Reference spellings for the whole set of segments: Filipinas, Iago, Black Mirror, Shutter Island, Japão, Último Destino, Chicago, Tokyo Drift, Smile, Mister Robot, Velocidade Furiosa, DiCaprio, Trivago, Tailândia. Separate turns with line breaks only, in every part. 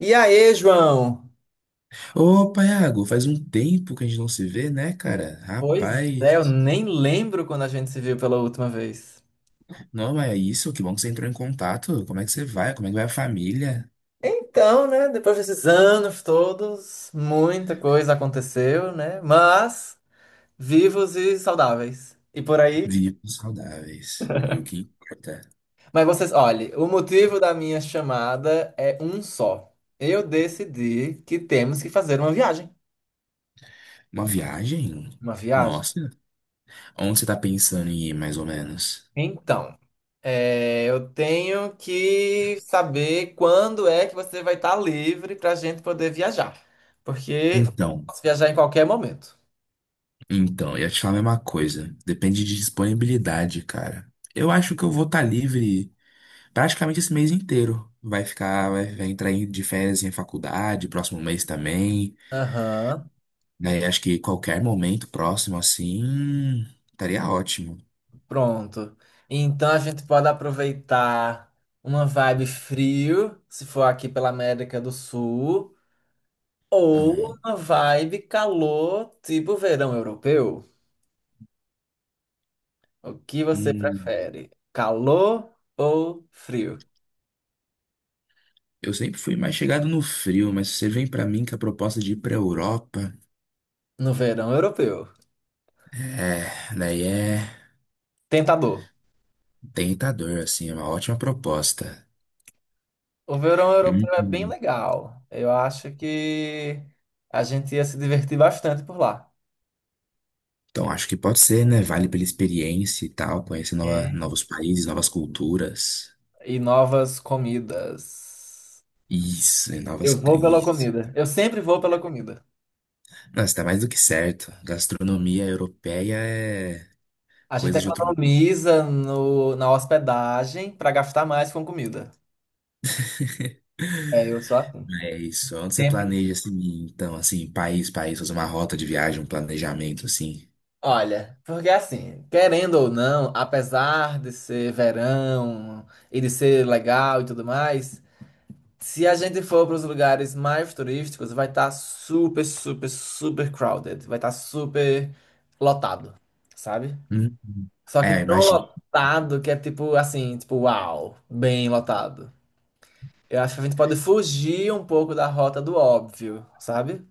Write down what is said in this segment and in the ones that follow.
E aí, João?
Opa, Iago, faz um tempo que a gente não se vê, né, cara?
Pois é, eu
Rapaz,
nem lembro quando a gente se viu pela última vez.
não é isso, que bom que você entrou em contato. Como é que você vai? Como é que vai a família?
Então, né, depois desses anos todos, muita coisa aconteceu, né? Mas vivos e saudáveis. E por aí.
Vivos saudáveis, é o que importa.
Mas vocês, olhe, o motivo da minha chamada é um só. Eu decidi que temos que fazer uma viagem.
Uma viagem?
Uma viagem.
Nossa, onde você tá pensando em ir, mais ou menos?
Então, eu tenho que saber quando é que você vai estar livre para a gente poder viajar. Porque eu
Então,
posso viajar em qualquer momento.
então, eu ia te falar a mesma coisa. Depende de disponibilidade, cara. Eu acho que eu vou estar livre praticamente esse mês inteiro. Vai ficar, vai entrar de férias em faculdade, próximo mês também.
Aham,
Daí acho que qualquer momento próximo assim estaria ótimo.
pronto. Então a gente pode aproveitar uma vibe frio, se for aqui pela América do Sul, ou
Ah,
uma vibe calor, tipo verão europeu. O que você
hum,
prefere? Calor ou frio?
eu sempre fui mais chegado no frio, mas se você vem pra mim com a proposta de ir pra Europa,
No verão europeu.
é, daí é
Tentador.
tentador, assim, é uma ótima proposta.
O verão europeu é bem
Hum,
legal. Eu acho que a gente ia se divertir bastante por lá.
Então acho que pode ser, né? Vale pela experiência e tal, conhecer
É.
novos países, novas culturas.
E novas comidas.
Isso, e
Eu
novas.
vou pela
Isso.
comida. Eu sempre vou pela comida.
Nossa, tá mais do que certo. Gastronomia europeia é
A gente
coisa de outro.
economiza no, na hospedagem para gastar mais com comida. É, eu sou assim.
É isso. Onde você
Sempre.
planeja, assim, então, assim, país, país, fazer uma rota de viagem, um planejamento, assim.
Olha, porque assim, querendo ou não, apesar de ser verão e de ser legal e tudo mais, se a gente for para os lugares mais turísticos, vai estar super, super, super crowded. Vai estar super lotado, sabe?
Uhum.
Só que
É,
tão
imagina.
lotado que é tipo assim, tipo, uau, bem lotado. Eu acho que a gente pode fugir um pouco da rota do óbvio, sabe?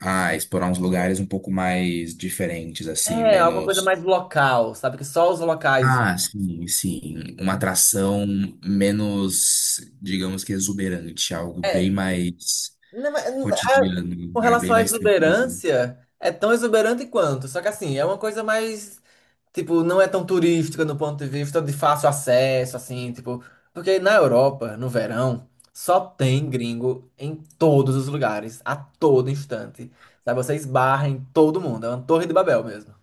Ah, explorar uns lugares um pouco mais diferentes, assim,
É, alguma coisa
menos.
mais local, sabe? Que só os locais.
Ah, sim, sim. Uma atração menos, digamos que exuberante, algo bem
É,
mais
não, mas
cotidiano, um
Com
lugar bem
relação à
mais tranquilo.
exuberância, é tão exuberante quanto. Só que assim, é uma coisa mais, tipo, não é tão turística no ponto de vista de fácil acesso, assim, tipo. Porque na Europa, no verão, só tem gringo em todos os lugares, a todo instante. Sabe, você esbarra em todo mundo, é uma torre de Babel mesmo.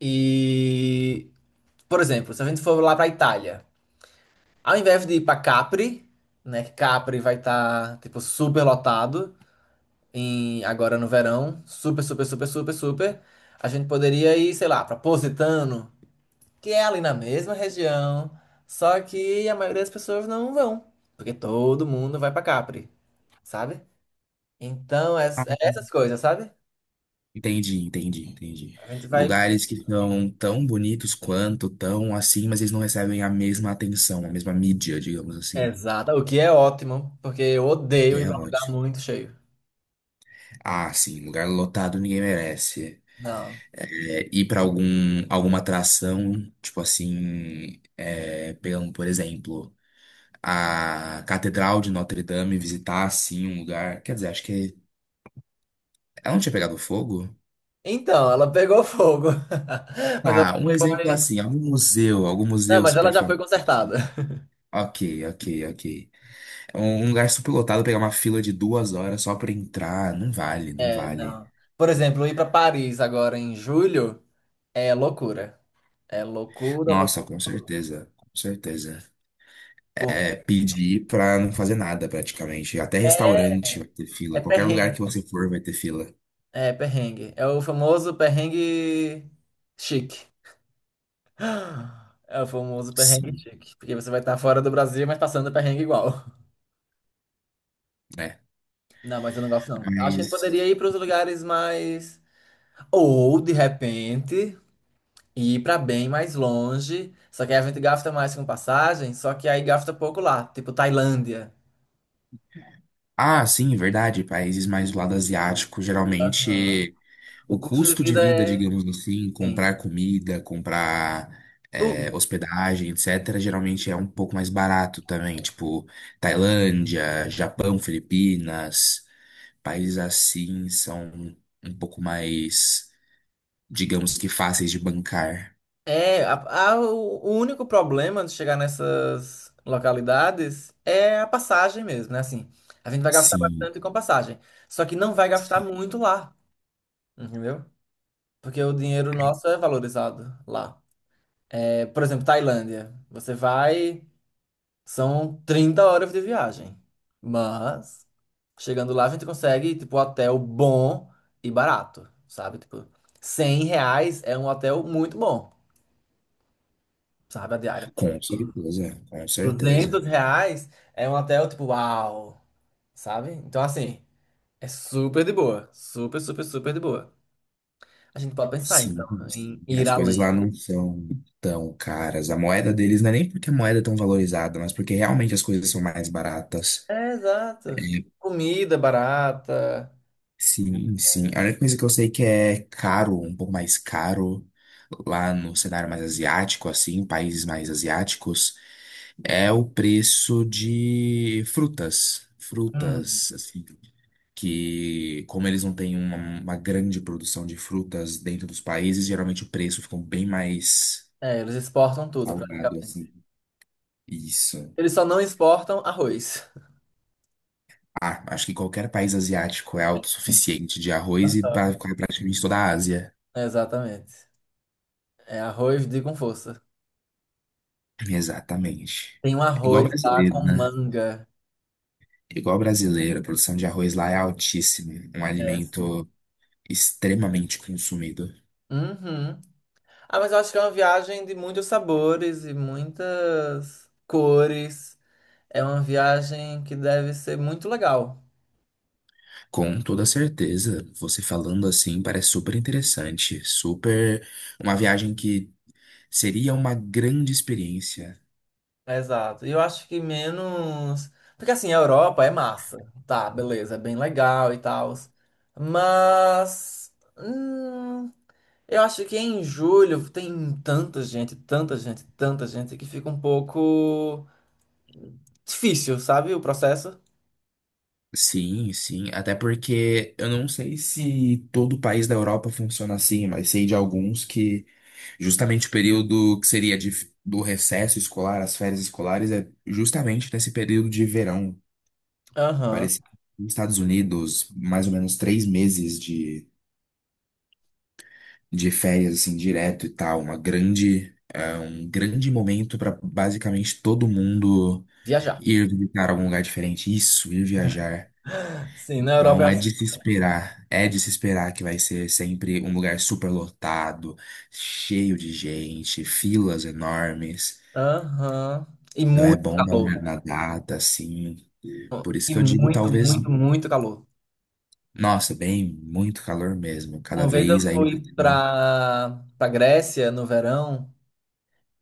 E, por exemplo, se a gente for lá pra Itália, ao invés de ir pra Capri, né, que Capri vai estar, tipo, super lotado. Agora no verão, super, super, super, super, super, a gente poderia ir, sei lá, para Positano, que é ali na mesma região, só que a maioria das pessoas não vão, porque todo mundo vai para Capri, sabe? Então, é essas coisas, sabe?
Entendi, entendi, entendi.
A gente vai.
Lugares que são tão bonitos quanto, tão assim, mas eles não recebem a mesma atenção, a mesma mídia, digamos assim.
Exato, o que é ótimo, porque eu odeio
Que
ir
é
para lugar
ótimo.
muito cheio.
Ah, sim, lugar lotado ninguém merece.
Não.
É, ir pra algum, alguma atração, tipo assim, é, pegando, por exemplo, a Catedral de Notre Dame, visitar assim um lugar. Quer dizer, acho que ela não tinha pegado fogo?
Então, ela pegou fogo. Mas ela
Ah, um exemplo
foi.
assim, algum
Não,
museu
mas ela
super
já foi
famoso.
consertada.
Assim. Ok, ok, ok. Um lugar superlotado, pegar uma fila de 2 horas só pra entrar, não vale, não
É,
vale.
não. Por exemplo, ir para Paris agora em julho. É loucura. É loucura, loucura,
Nossa, com
loucura.
certeza, com certeza.
Pô,
É pedir pra não fazer nada praticamente. Até
é,
restaurante vai ter
é
fila. Qualquer lugar
perrengue.
que você for vai ter fila.
É perrengue. É o famoso perrengue chique. É o famoso perrengue
Sim,
chique. Porque você vai estar fora do Brasil, mas passando perrengue igual.
né?
Não, mas eu não gosto, não. Acho que a gente poderia
Mas.
ir para os lugares mais. Ou, de repente, ir para bem mais longe. Só que aí a gente gasta mais com passagem, só que aí gasta pouco lá. Tipo Tailândia.
Ah, sim, verdade. Países mais do lado asiático,
Aham.
geralmente
O
o
custo de
custo de
vida
vida,
é,
digamos assim,
sim,
comprar comida, comprar
tudo.
hospedagem, etc., geralmente é um pouco mais barato também. Tipo, Tailândia, Japão, Filipinas, países assim são um pouco mais, digamos que fáceis de bancar.
É, o único problema de chegar nessas localidades é a passagem mesmo, né? Assim, a gente vai gastar
Sim,
bastante com passagem, só que não vai gastar
sim.
muito lá, entendeu? Porque o dinheiro nosso é valorizado lá. É, por exemplo, Tailândia, você vai, são 30 horas de viagem, mas chegando lá a gente consegue, tipo, hotel bom e barato, sabe? Tipo, 100 reais é um hotel muito bom, sabe? A diária.
Com certeza, com certeza.
200 reais é um hotel tipo, uau, sabe? Então, assim, é super de boa. Super, super, super de boa. A gente pode pensar, então,
Sim, sim.
em ir
As coisas
além.
lá não são tão caras. A moeda deles não é nem porque a moeda é tão valorizada, mas porque realmente as coisas são mais baratas.
É,
É,
exato. Comida barata.
sim, sim. A única coisa que eu sei que é caro, um pouco mais caro, lá no cenário mais asiático, assim, países mais asiáticos, é o preço de frutas.
Hum.
Frutas, assim. Que, como eles não têm uma grande produção de frutas dentro dos países, geralmente o preço fica bem mais.
É, eles exportam tudo,
Salgado, assim.
praticamente.
Isso.
Eles só não exportam arroz.
Ah, acho que qualquer país asiático é autossuficiente de arroz e pra praticamente toda a Ásia.
É, exatamente. É arroz de com força.
Exatamente.
Tem um
É igual
arroz lá
brasileiro,
com
né?
manga.
É igual brasileiro, a produção de arroz lá é altíssima. Um
É, sim.
alimento extremamente consumido.
Uhum. Ah, mas eu acho que é uma viagem de muitos sabores e muitas cores. É uma viagem que deve ser muito legal.
Com toda certeza. Você falando assim parece super interessante. Super. Uma viagem que seria uma grande experiência.
Exato. E eu acho que menos. Porque assim, a Europa é massa. Tá, beleza, é bem legal e tal. Mas. hum, eu acho que em julho tem tanta gente, tanta gente, tanta gente que fica um pouco difícil, sabe? O processo.
Sim, sim. Até porque eu não sei se todo o país da Europa funciona assim, mas sei de alguns que justamente o período que seria do recesso escolar, as férias escolares, é justamente nesse período de verão.
Aham.
Parecido nos Estados Unidos, mais ou menos 3 meses de férias, assim, direto e tal. Uma grande, é um grande momento para basicamente todo mundo
Viajar.
ir visitar algum lugar diferente. Isso, ir viajar.
Sim, na Europa é
Não é
assim.
de se esperar, é de se esperar que vai ser sempre um lugar super lotado, cheio de gente, filas enormes.
Aham. E
Não é
muito
bom
calor.
na data, assim. Por isso
E
que eu digo,
muito,
talvez,
muito, muito calor.
nossa, bem, muito calor mesmo. Cada
Uma vez eu
vez aí,
fui para Grécia no verão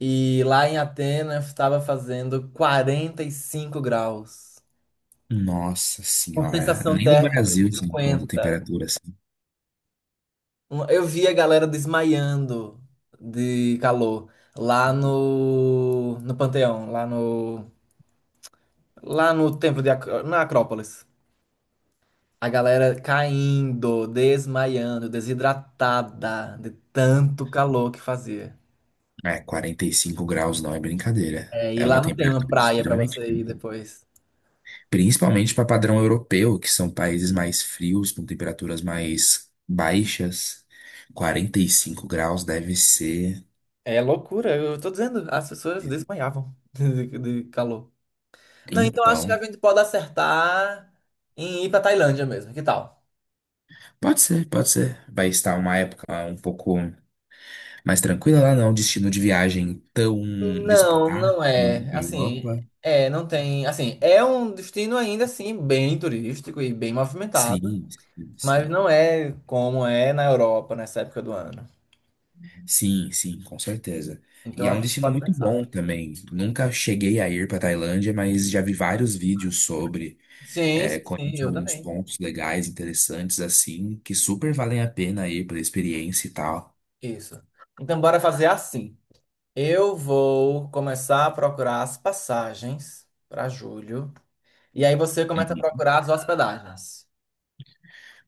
e lá em Atenas estava fazendo 45 graus,
nossa
com
senhora,
sensação
nem no
térmica
Brasil se encontra
50.
temperatura assim.
Eu vi a galera desmaiando de calor lá no Panteão, lá no templo de na Acrópolis. A galera caindo, desmaiando, desidratada de tanto calor que fazia.
É, 45 graus não é brincadeira.
É, e
É
lá
uma
não tem uma
temperatura
praia pra
estranha.
você ir depois.
Principalmente para padrão europeu, que são países mais frios, com temperaturas mais baixas. 45 graus deve ser.
É loucura, eu tô dizendo, as pessoas desmaiavam de calor. Não, então acho que
Então,
a gente pode acertar em ir pra Tailândia mesmo, que tal?
pode ser, pode ser. Vai estar uma época um pouco mais tranquila lá, não. Destino de viagem tão
Não,
disputado
não
quanto
é.
a
Assim,
Europa.
não tem. Assim, é um destino ainda assim bem turístico e bem movimentado,
Sim, sim,
mas
sim.
não é como é na Europa nessa época do ano.
Sim, sim, com certeza. E
Então
é
a
um
gente
destino
pode
muito
pensar.
bom também. Nunca cheguei a ir para Tailândia, mas já vi vários vídeos sobre.
Sim,
É,
sim,
conheço
eu
alguns
também.
pontos legais, interessantes, assim, que super valem a pena ir pela experiência e tal.
Isso. Então bora fazer assim. Eu vou começar a procurar as passagens para julho. E aí você começa a
Uhum.
procurar as hospedagens.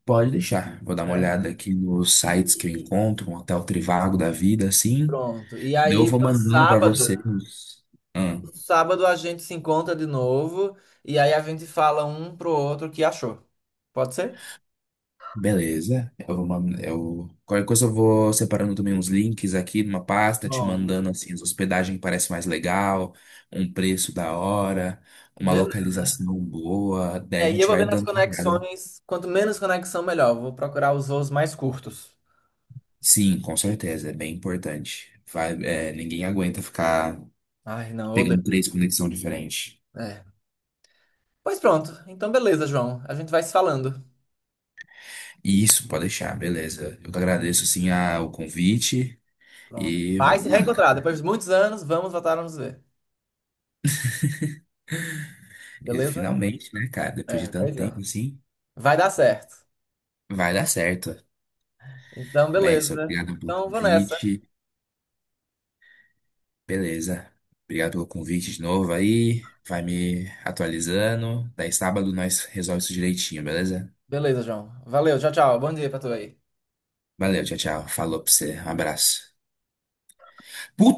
Pode deixar. Vou dar uma
Certo?
olhada aqui nos sites que eu
E
encontro, um hotel Trivago da vida, assim.
pronto. E
Daí eu
aí
vou
no
mandando pra
sábado,
vocês. Ah,
no sábado a gente se encontra de novo e aí a gente fala um pro outro o que achou. Pode ser?
beleza. Eu vou mandando, eu... Qualquer coisa eu vou separando também uns links aqui numa pasta, te
Bom,
mandando, assim, as hospedagem que parece mais legal, um preço da hora, uma
beleza.
localização boa. Daí a
É, e eu
gente
vou
vai
vendo as
dando uma olhada.
conexões. Quanto menos conexão, melhor. Eu vou procurar os voos mais curtos.
Sim, com certeza, é bem importante. Vai, é, ninguém aguenta ficar
Ai, não,
pegando
odeio.
três conexões diferentes.
É. Pois pronto. Então, beleza, João. A gente vai se falando.
Isso, pode deixar, beleza. Eu que agradeço, assim, o convite
Pronto.
e
Vai
vamos
se
lá,
reencontrar.
cara.
Depois de muitos anos, vamos voltar a nos ver.
E
Beleza?
finalmente, né, cara, depois de
É,
tanto
pois é.
tempo, assim,
Vai dar certo.
vai dar certo.
Então,
Mestre,
beleza.
obrigado pelo
Então, vou nessa.
convite, beleza. Obrigado pelo convite de novo aí, vai me atualizando. Daí sábado nós resolvemos isso direitinho, beleza?
Beleza, João. Valeu. Tchau, tchau. Bom dia pra tu aí.
Valeu, tchau, tchau. Falou pra você, um abraço. Puta